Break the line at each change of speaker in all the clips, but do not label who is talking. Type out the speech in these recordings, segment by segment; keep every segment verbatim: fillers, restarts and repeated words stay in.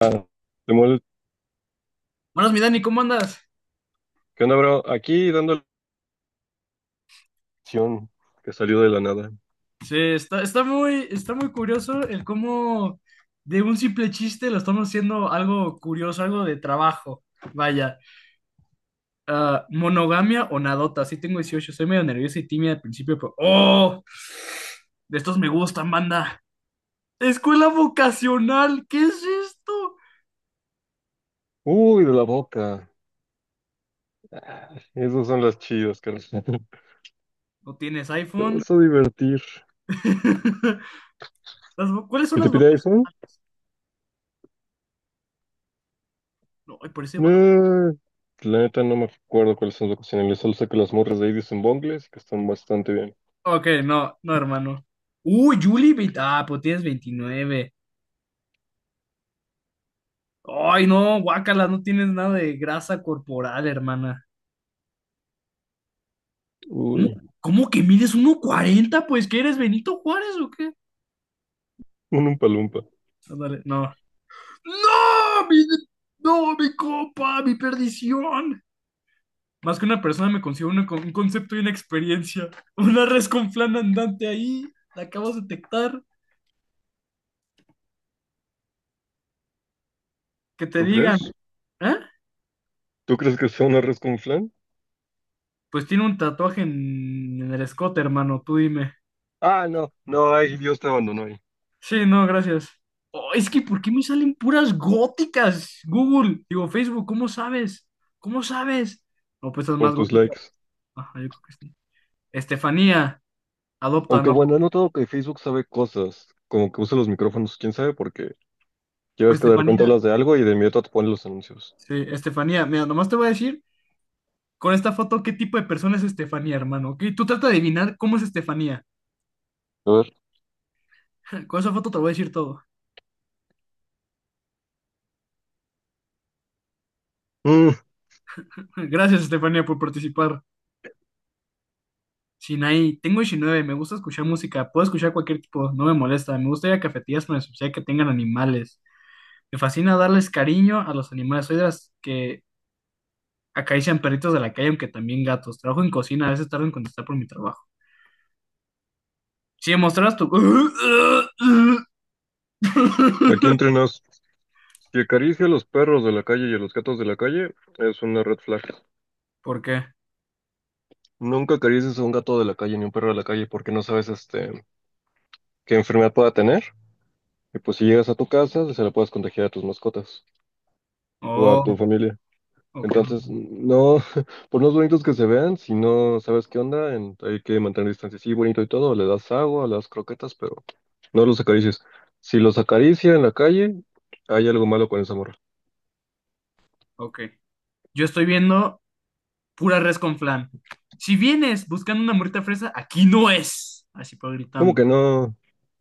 Ah, Samuel,
Buenas, mi Dani, ¿cómo andas?
¿qué onda, bro? Aquí dando la opción que salió de la nada.
Se está, está muy, está muy curioso el cómo de un simple chiste lo estamos haciendo algo curioso, algo de trabajo. Vaya, ah, monogamia o nadota, sí tengo dieciocho, soy medio nerviosa y tímida al principio, pero ¡oh! De estos me gustan, banda. Escuela vocacional, ¿qué es esto?
Uy, de la boca. Esas son las chidas, carajo.
¿No tienes
Te
iPhone?
vas a divertir.
Las vo- ¿cuáles son
¿Y te
las
pide iPhone?
vocacionales? No, ay, por ese
No.
vato.
La neta no me recuerdo cuáles son las ocasiones. Solo sé que las morras de ahí dicen bongles y que están bastante bien.
Ok, no, no, hermano. Uy, Julie, veinte- ah, pues tienes veintinueve. Ay, no, guácala, no tienes nada de grasa corporal, hermana. ¿Cómo,
Uy,
cómo que mides uno cuarenta? Pues, ¿qué eres, Benito Juárez o qué?
un umpalumpa.
Ándale, no. ¡No! Mi, no, mi copa, mi perdición. Más que una persona me consigo una con- un concepto y una experiencia. Una res con flan andante ahí, la acabas de detectar. Que te
¿Tú
digan,
crees?
¿eh?
¿Tú crees que sea un arroz con flan?
Pues tiene un tatuaje en, en el escote, hermano, tú dime.
Ah, no. No, ay, Dios te abandonó ahí.
Sí, no, gracias. Oh, es que, ¿por qué me salen puras góticas? Google, digo, Facebook, ¿cómo sabes? ¿Cómo sabes? No, pues es
Por
más
tus
gótica.
likes.
Ajá, yo creo que sí. Estefanía, adopta,
Aunque
no.
bueno, he notado que Facebook sabe cosas. Como que usa los micrófonos, quién sabe por qué. Ya ves que de repente
Estefanía,
hablas de algo y de inmediato te ponen los anuncios.
sí, Estefanía, mira, nomás te voy a decir con esta foto qué tipo de persona es Estefanía, hermano, ¿ok? Tú trata de adivinar cómo es Estefanía.
A ver.
Con esa foto te voy a decir todo.
Mm,
Gracias, Estefanía, por participar. Sinaí, tengo diecinueve, me gusta escuchar música, puedo escuchar cualquier tipo, no me molesta, me gusta ir a cafeterías con la sociedad que tengan animales. Me fascina darles cariño a los animales. Soy de las que acarician perritos de la calle, aunque también gatos. Trabajo en cocina, a veces tardo en contestar por mi trabajo. Si me mostraras tu...
aquí entrenas. Si acaricia a los perros de la calle y a los gatos de la calle, es una red flag.
¿Por qué?
Nunca acaricies a un gato de la calle ni un perro de la calle porque no sabes este qué enfermedad pueda tener. Y pues si llegas a tu casa, se la puedes contagiar a tus mascotas o a
Oh,
tu familia.
ok,
Entonces, no, por más bonitos que se vean, si no sabes qué onda, en- hay que mantener distancia. Sí, bonito y todo, le das agua, le das croquetas, pero no los acaricies. Si los acaricia en la calle, hay algo malo con esa morra.
ok. Yo estoy viendo pura res con flan. Si vienes buscando una morrita fresa, aquí no es. Así por
¿Cómo
gritando.
que no?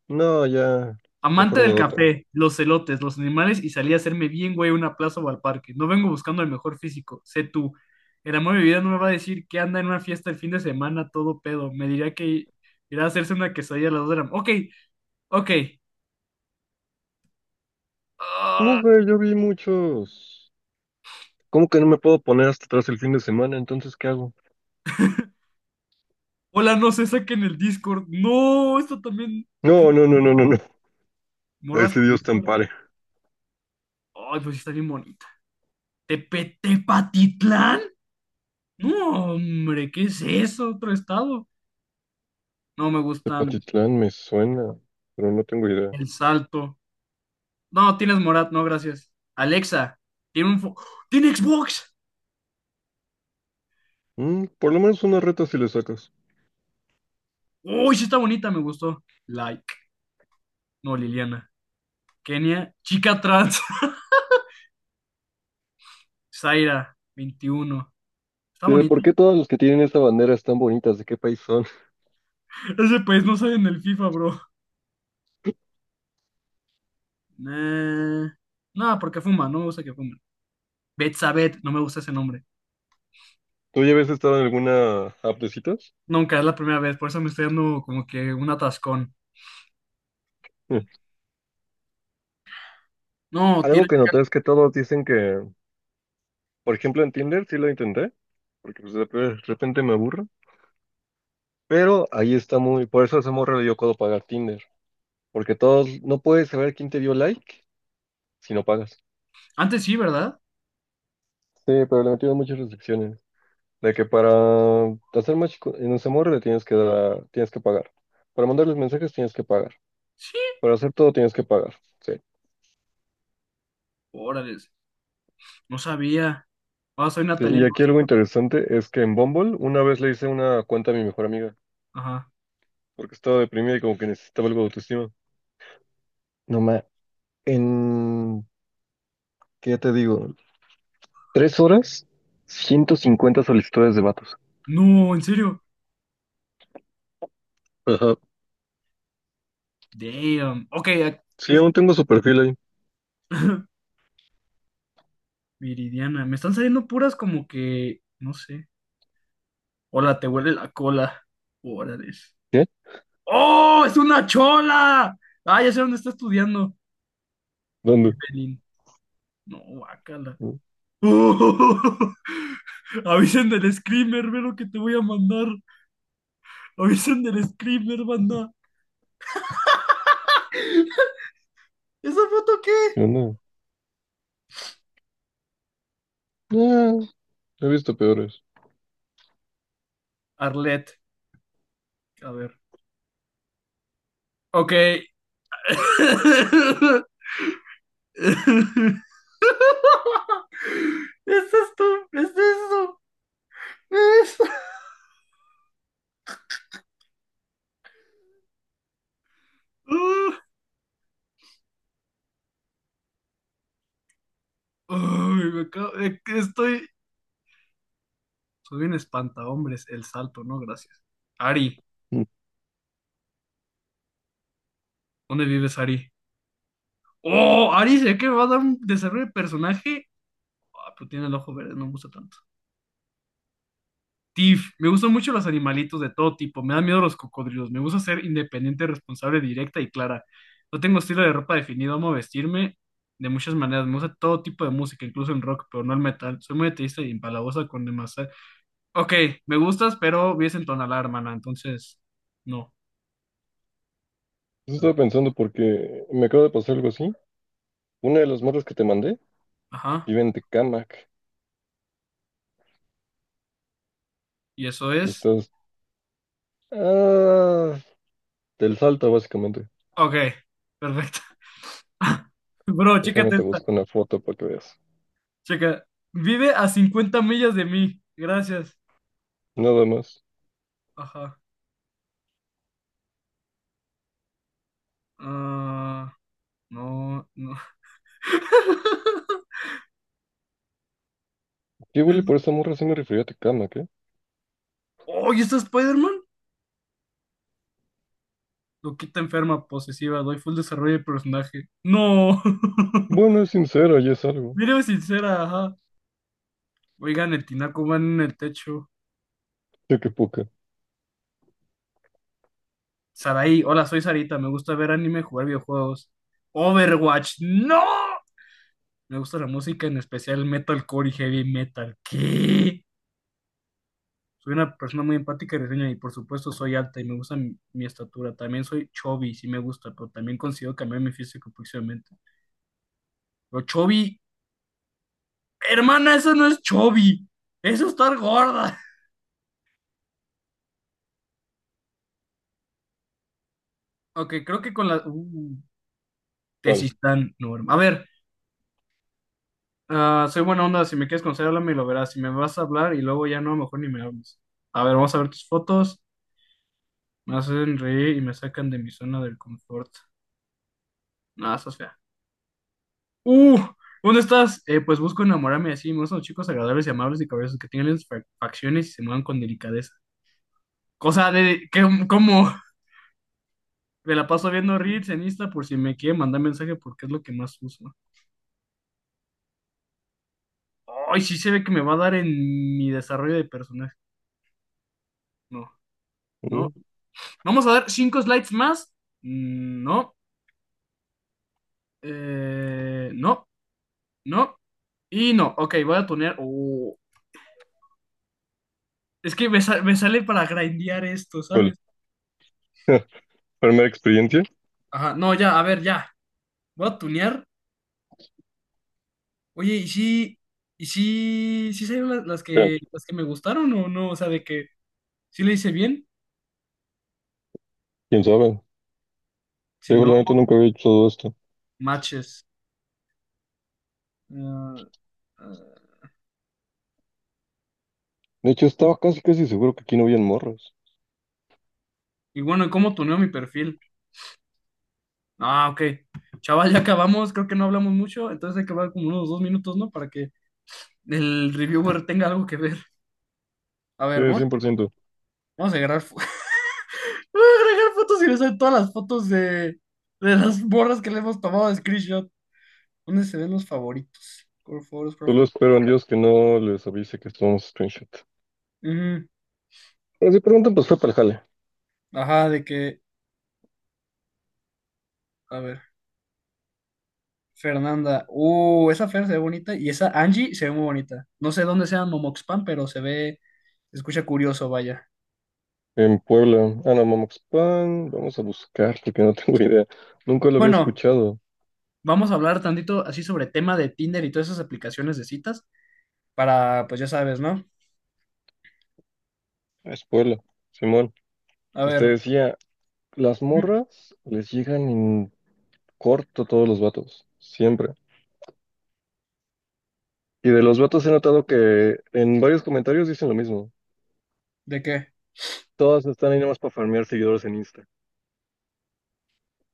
No, ya,
Amante
mejor no
del
dota.
café, los celotes, los animales y salí a hacerme bien, güey, a una plaza o al parque. No vengo buscando el mejor físico, sé tú. El amor de mi vida no me va a decir que anda en una fiesta el fin de semana, todo pedo. Me dirá que irá a hacerse una quesadilla a las dos de la mañana. Ok, ok.
No
Ah,
sé, yo vi muchos. ¿Cómo que no me puedo poner hasta atrás el fin de semana? Entonces, ¿qué hago?
hola, no se saquen el Discord. No, esto también.
No, no, no, no, no, no. A
¿Morras
ese
con
Dios te
Discord?
ampare.
Ay, pues sí está bien bonita. ¿Tepe- ¿Tepatitlán? No, hombre, ¿qué es eso? Otro estado. No me gustan
Tepatitlán me suena, pero no tengo idea.
el Salto. No, tienes Morat, no, gracias. Alexa, tiene un... fo- ¡tiene Xbox!
Mm, por lo menos una reta si le sacas.
¡Uy, sí está bonita, me gustó! Like. No, Liliana. Kenia, chica trans. Zaira, veintiuno. Está
¿Y
bonita.
por qué todas las que tienen esta bandera están bonitas? ¿De qué país son?
Ese país no sale en el FIFA, bro. Nah. No, porque fuma, no me gusta que fumen. Betsabet, no me gusta ese nombre.
¿Tú ya habías estado en alguna app de citas?
Nunca, es la primera vez, por eso me estoy dando como que un atascón.
Mm.
No,
Algo
tiene...
que noté es que todos dicen que, por ejemplo, en Tinder sí lo intenté, porque pues, de de repente me aburro, pero ahí está muy, por eso a esa morra le dio codo pagar Tinder, porque todos, no puedes saber quién te dio like si no pagas.
Antes sí, ¿verdad?
Sí, pero le metieron muchas restricciones, de que para hacer match co- en esa morra le tienes que dar, tienes que pagar, para mandarles mensajes tienes que pagar,
Sí.
para hacer todo tienes que pagar, sí.
Órale, no sabía. Ah, soy
Sí,
Natalie.
y aquí algo interesante es que en Bumble una vez le hice una cuenta a mi mejor amiga
Ajá.
porque estaba deprimida y como que necesitaba algo de autoestima. No ma, en, ¿qué te digo? Tres horas, ciento cincuenta solicitudes de vatos.
No, ¿en serio?
Ajá.
Damn. Ok, ac-
Sí,
es-
aún tengo su perfil ahí.
Viridiana. Me están saliendo puras como que. No sé. Hola, te huele la cola. Órale.
¿Qué?
¡Oh! ¡Es una chola! Ah, ya sé dónde está estudiando. En
¿Dónde?
Belín. No, guácala. ¡Oh! Avisen del screamer, ve lo que te voy a mandar. Avisen del screamer, banda. ¿Esa foto qué?
¿Dónde? Ah, he visto peores.
Arlet. A ver. Ok. ¿Es esto? ¿Es eso? Es- Ah, ay, me acabo- eh, que estoy. Soy un espantahombres, el salto, no, gracias. Ari,
Mm.
¿dónde vives, Ari? ¡Oh! Ari, sé que me va a dar un desarrollo de personaje. Ah, pero tiene el ojo verde, no me gusta tanto. Tiff, me gustan mucho los animalitos de todo tipo. Me dan miedo los cocodrilos. Me gusta ser independiente, responsable, directa y clara. No tengo estilo de ropa definido, amo vestirme de muchas maneras. Me gusta todo tipo de música, incluso el rock, pero no el metal. Soy muy ateísta y empalagosa con demás. Ok, me gustas, pero vives en Tonalá, hermana, entonces no.
Eso estaba pensando porque me acaba de pasar algo así. Una de las morras que te mandé
Ajá,
vive en Tecámac,
y eso
que
es.
estás ah, del Salto, básicamente.
Ok, perfecto. Bro,
Déjame
chécate
te
esta.
busco una foto para que veas.
Checa. Vive a cincuenta millas de mí. Gracias.
Nada más.
Ajá. Ah, no, no.
Y
Es-
Willy, por esa morra sí me refería a tu cama, ¿qué?
Oh, ¿y esta Spider-Man? Loquita enferma, posesiva, doy full desarrollo de personaje. No.
Bueno, es sincera y es algo.
Mírame sincera, ajá. Oigan, el tinaco va en el techo.
Sí, qué poca.
Saraí, hola, soy Sarita, me gusta ver anime, jugar videojuegos. Overwatch, no. Me gusta la música, en especial metalcore y heavy metal. ¿Qué? Soy una persona muy empática y risueña y por supuesto soy alta y me gusta mi, mi estatura. También soy chubby, sí me gusta, pero también consigo cambiar mi físico próximamente. Pero chubby, hermana, eso no es chubby, eso es estar gorda. Ok, creo que con la... Uh,
¿Cuál?
Tesistán, no, hermano. A ver, ah, soy buena onda, si me quieres conocer, háblame y lo verás. Si me vas a hablar y luego ya no, mejor ni me hables. A ver, vamos a ver tus fotos. Me hacen reír y me sacan de mi zona del confort. Nada, estás fea. ¡Uh! ¿Dónde estás? Eh, pues busco enamorarme así. Me gustan los chicos agradables y amables y cabezos que tengan lindas fa- facciones y se muevan con delicadeza. Cosa de... ¿qué, ¿Cómo? Me la paso viendo Reels en Insta por si me quiere mandar mensaje porque es lo que más uso. Ay, sí se ve que me va a dar en mi desarrollo de personaje. No,
¿Mm?
no. Vamos a dar cinco slides más. Mm, no, eh, no, no y no. Ok, voy a tunear. Oh, es que me, sa- me sale para grindear esto,
¿Cuál?
¿sabes?
¿Primera experiencia?
Ajá, no, ya, a ver, ya. Voy a tunear. Oye, ¿y si, y si, si salieron las, las
Eh,
que, las que me gustaron o no? O sea, de que si le hice bien,
¿Quién sabe?
si
Digo,
no,
la neta nunca había hecho todo esto.
matches. Ah, ah,
De hecho, estaba casi casi seguro que aquí no habían morras.
y bueno, ¿cómo tuneo mi perfil? Ah, ok. Chaval, ya acabamos, creo que no hablamos mucho, entonces hay que hablar como unos dos minutos, ¿no? Para que el reviewer tenga algo que ver. A ver,
Sí,
vamos,
cien por ciento.
vamos a agarrar, fo- vamos a agregar fotos y les doy todas las fotos de, de las borras que le hemos tomado de screenshot. ¿Dónde se ven los favoritos? Core photos,
Solo
profile.
espero en Dios que no les avise que estamos screenshot.
Ujú.
Pero si preguntan, pues fue para el jale.
Ajá, de que, a ver, Fernanda. Uh, esa Fer se ve bonita y esa Angie se ve muy bonita. No sé dónde sea Momoxpan, pero se ve, se escucha curioso, vaya.
En Puebla. Ah, no, Mamoxpan. Vamos a buscar porque no tengo idea. Nunca lo había
Bueno,
escuchado.
vamos a hablar tantito así sobre tema de Tinder y todas esas aplicaciones de citas para, pues ya sabes, ¿no?
Ah, es Puebla. Simón.
A
Usted
ver,
decía, las
ujú,
morras les llegan en corto todos los vatos, siempre. Y de los vatos he notado que en varios comentarios dicen lo mismo.
¿de qué?
Todas están ahí nomás para farmear seguidores en Insta.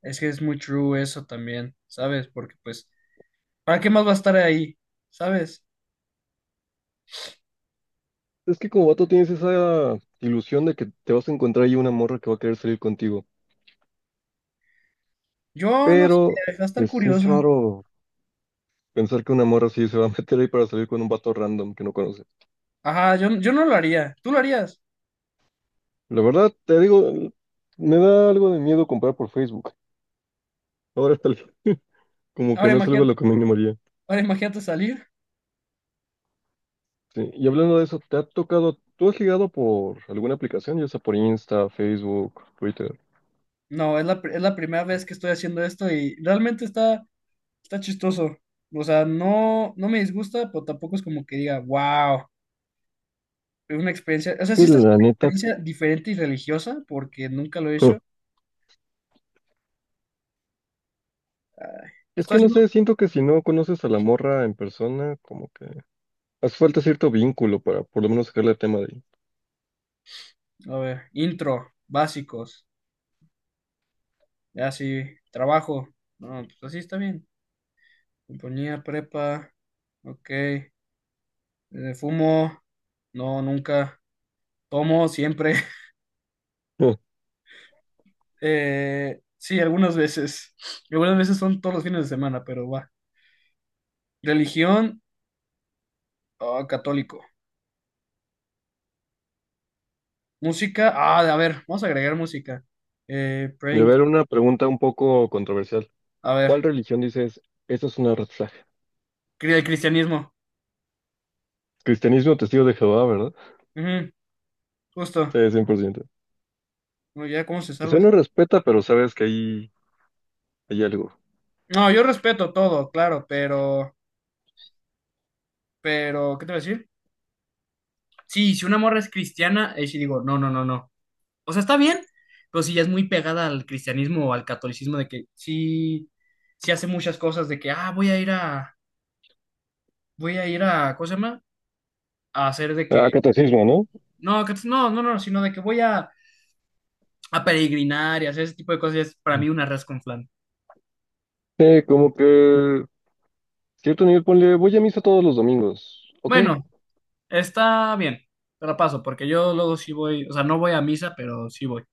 Es que es muy true eso también, ¿sabes? Porque pues, ¿para qué más va a estar ahí? ¿Sabes?
Es que como vato tienes esa ilusión de que te vas a encontrar ahí una morra que va a querer salir contigo.
Yo no sé,
Pero,
va a estar
pues es
curioso.
raro pensar que una morra sí se va a meter ahí para salir con un vato random que no conoces.
Ajá, yo, yo no lo haría. ¿Tú lo harías?
La verdad, te digo, me da algo de miedo comprar por Facebook. Ahora está el- como que
Ahora
no es algo a
imagínate,
lo que me animaría.
ahora imagínate salir.
Sí, y hablando de eso, ¿te ha tocado, tú has ligado por alguna aplicación, ya sea por Insta, Facebook, Twitter?
No, es la, pr- es la primera vez que estoy haciendo esto y realmente está, está chistoso. O sea, no, no me disgusta, pero tampoco es como que diga, wow, es una experiencia. O sea, sí
Y
está siendo
la
una
neta,
experiencia diferente y religiosa porque nunca lo he hecho. Ay,
es
estoy
que no
haciendo,
sé, siento que si no conoces a la morra en persona, como que hace falta cierto vínculo para por lo menos sacarle el tema de ahí.
a ver, intro, básicos. Ya sí, trabajo. No, pues así está bien. Compañía, prepa, ok. Eh, fumo, no, nunca. Tomo, siempre. Eh, sí, algunas veces. Algunas veces son todos los fines de semana, pero va. Religión, ah, católico. Música, ah, a ver, vamos a agregar música. Eh,
Y a
praying,
ver,
to-
una pregunta un poco controversial.
a
¿Cuál
ver,
religión dices, esa es una red flag?
cri- el cristianismo.
Cristianismo, testigo de Jehová, ¿verdad?
Ujú, justo.
Sí, cien por ciento.
No, ya, ¿cómo se
O
salva
sea,
esto?
no respeta, pero sabes que ahí hay algo.
No, yo respeto todo, claro, pero, pero, ¿qué te voy a decir? Sí, si una morra es cristiana, ahí sí digo, no, no, no, no. O sea, está bien, pero si ya es muy pegada al cristianismo o al catolicismo de que sí, sí hace muchas cosas de que, ah, voy a ir a, voy a ir a, ¿cómo se llama? A hacer de
Ah,
que,
catecismo, ¿no?
no, que- no, no, no, sino de que voy a, a peregrinar y hacer ese tipo de cosas, y es para mí una res con flan.
Sí, como que cierto nivel, ponle, voy a misa todos los domingos. Ok,
Bueno, está bien, te la paso, porque yo luego sí voy, o sea, no voy a misa, pero sí voy.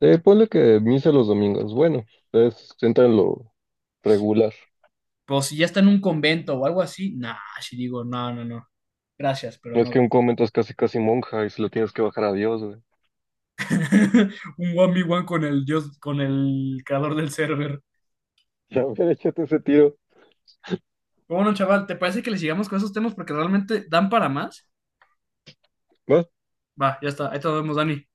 eh, ponle que misa los domingos. Bueno, es, entra en lo regular.
Pero si ya está en un convento o algo así, nah, sí digo, no, no, no, gracias, pero
No es
no.
que un convento es casi casi monja y se lo tienes que bajar a Dios, güey.
Un uno contra uno con el dios, con el creador del server.
Ya hubiera echado ese tiro.
Bueno, chaval, ¿te parece que le sigamos con esos temas porque realmente dan para más?
Va.
Va, ya está. Ahí te vemos, Dani.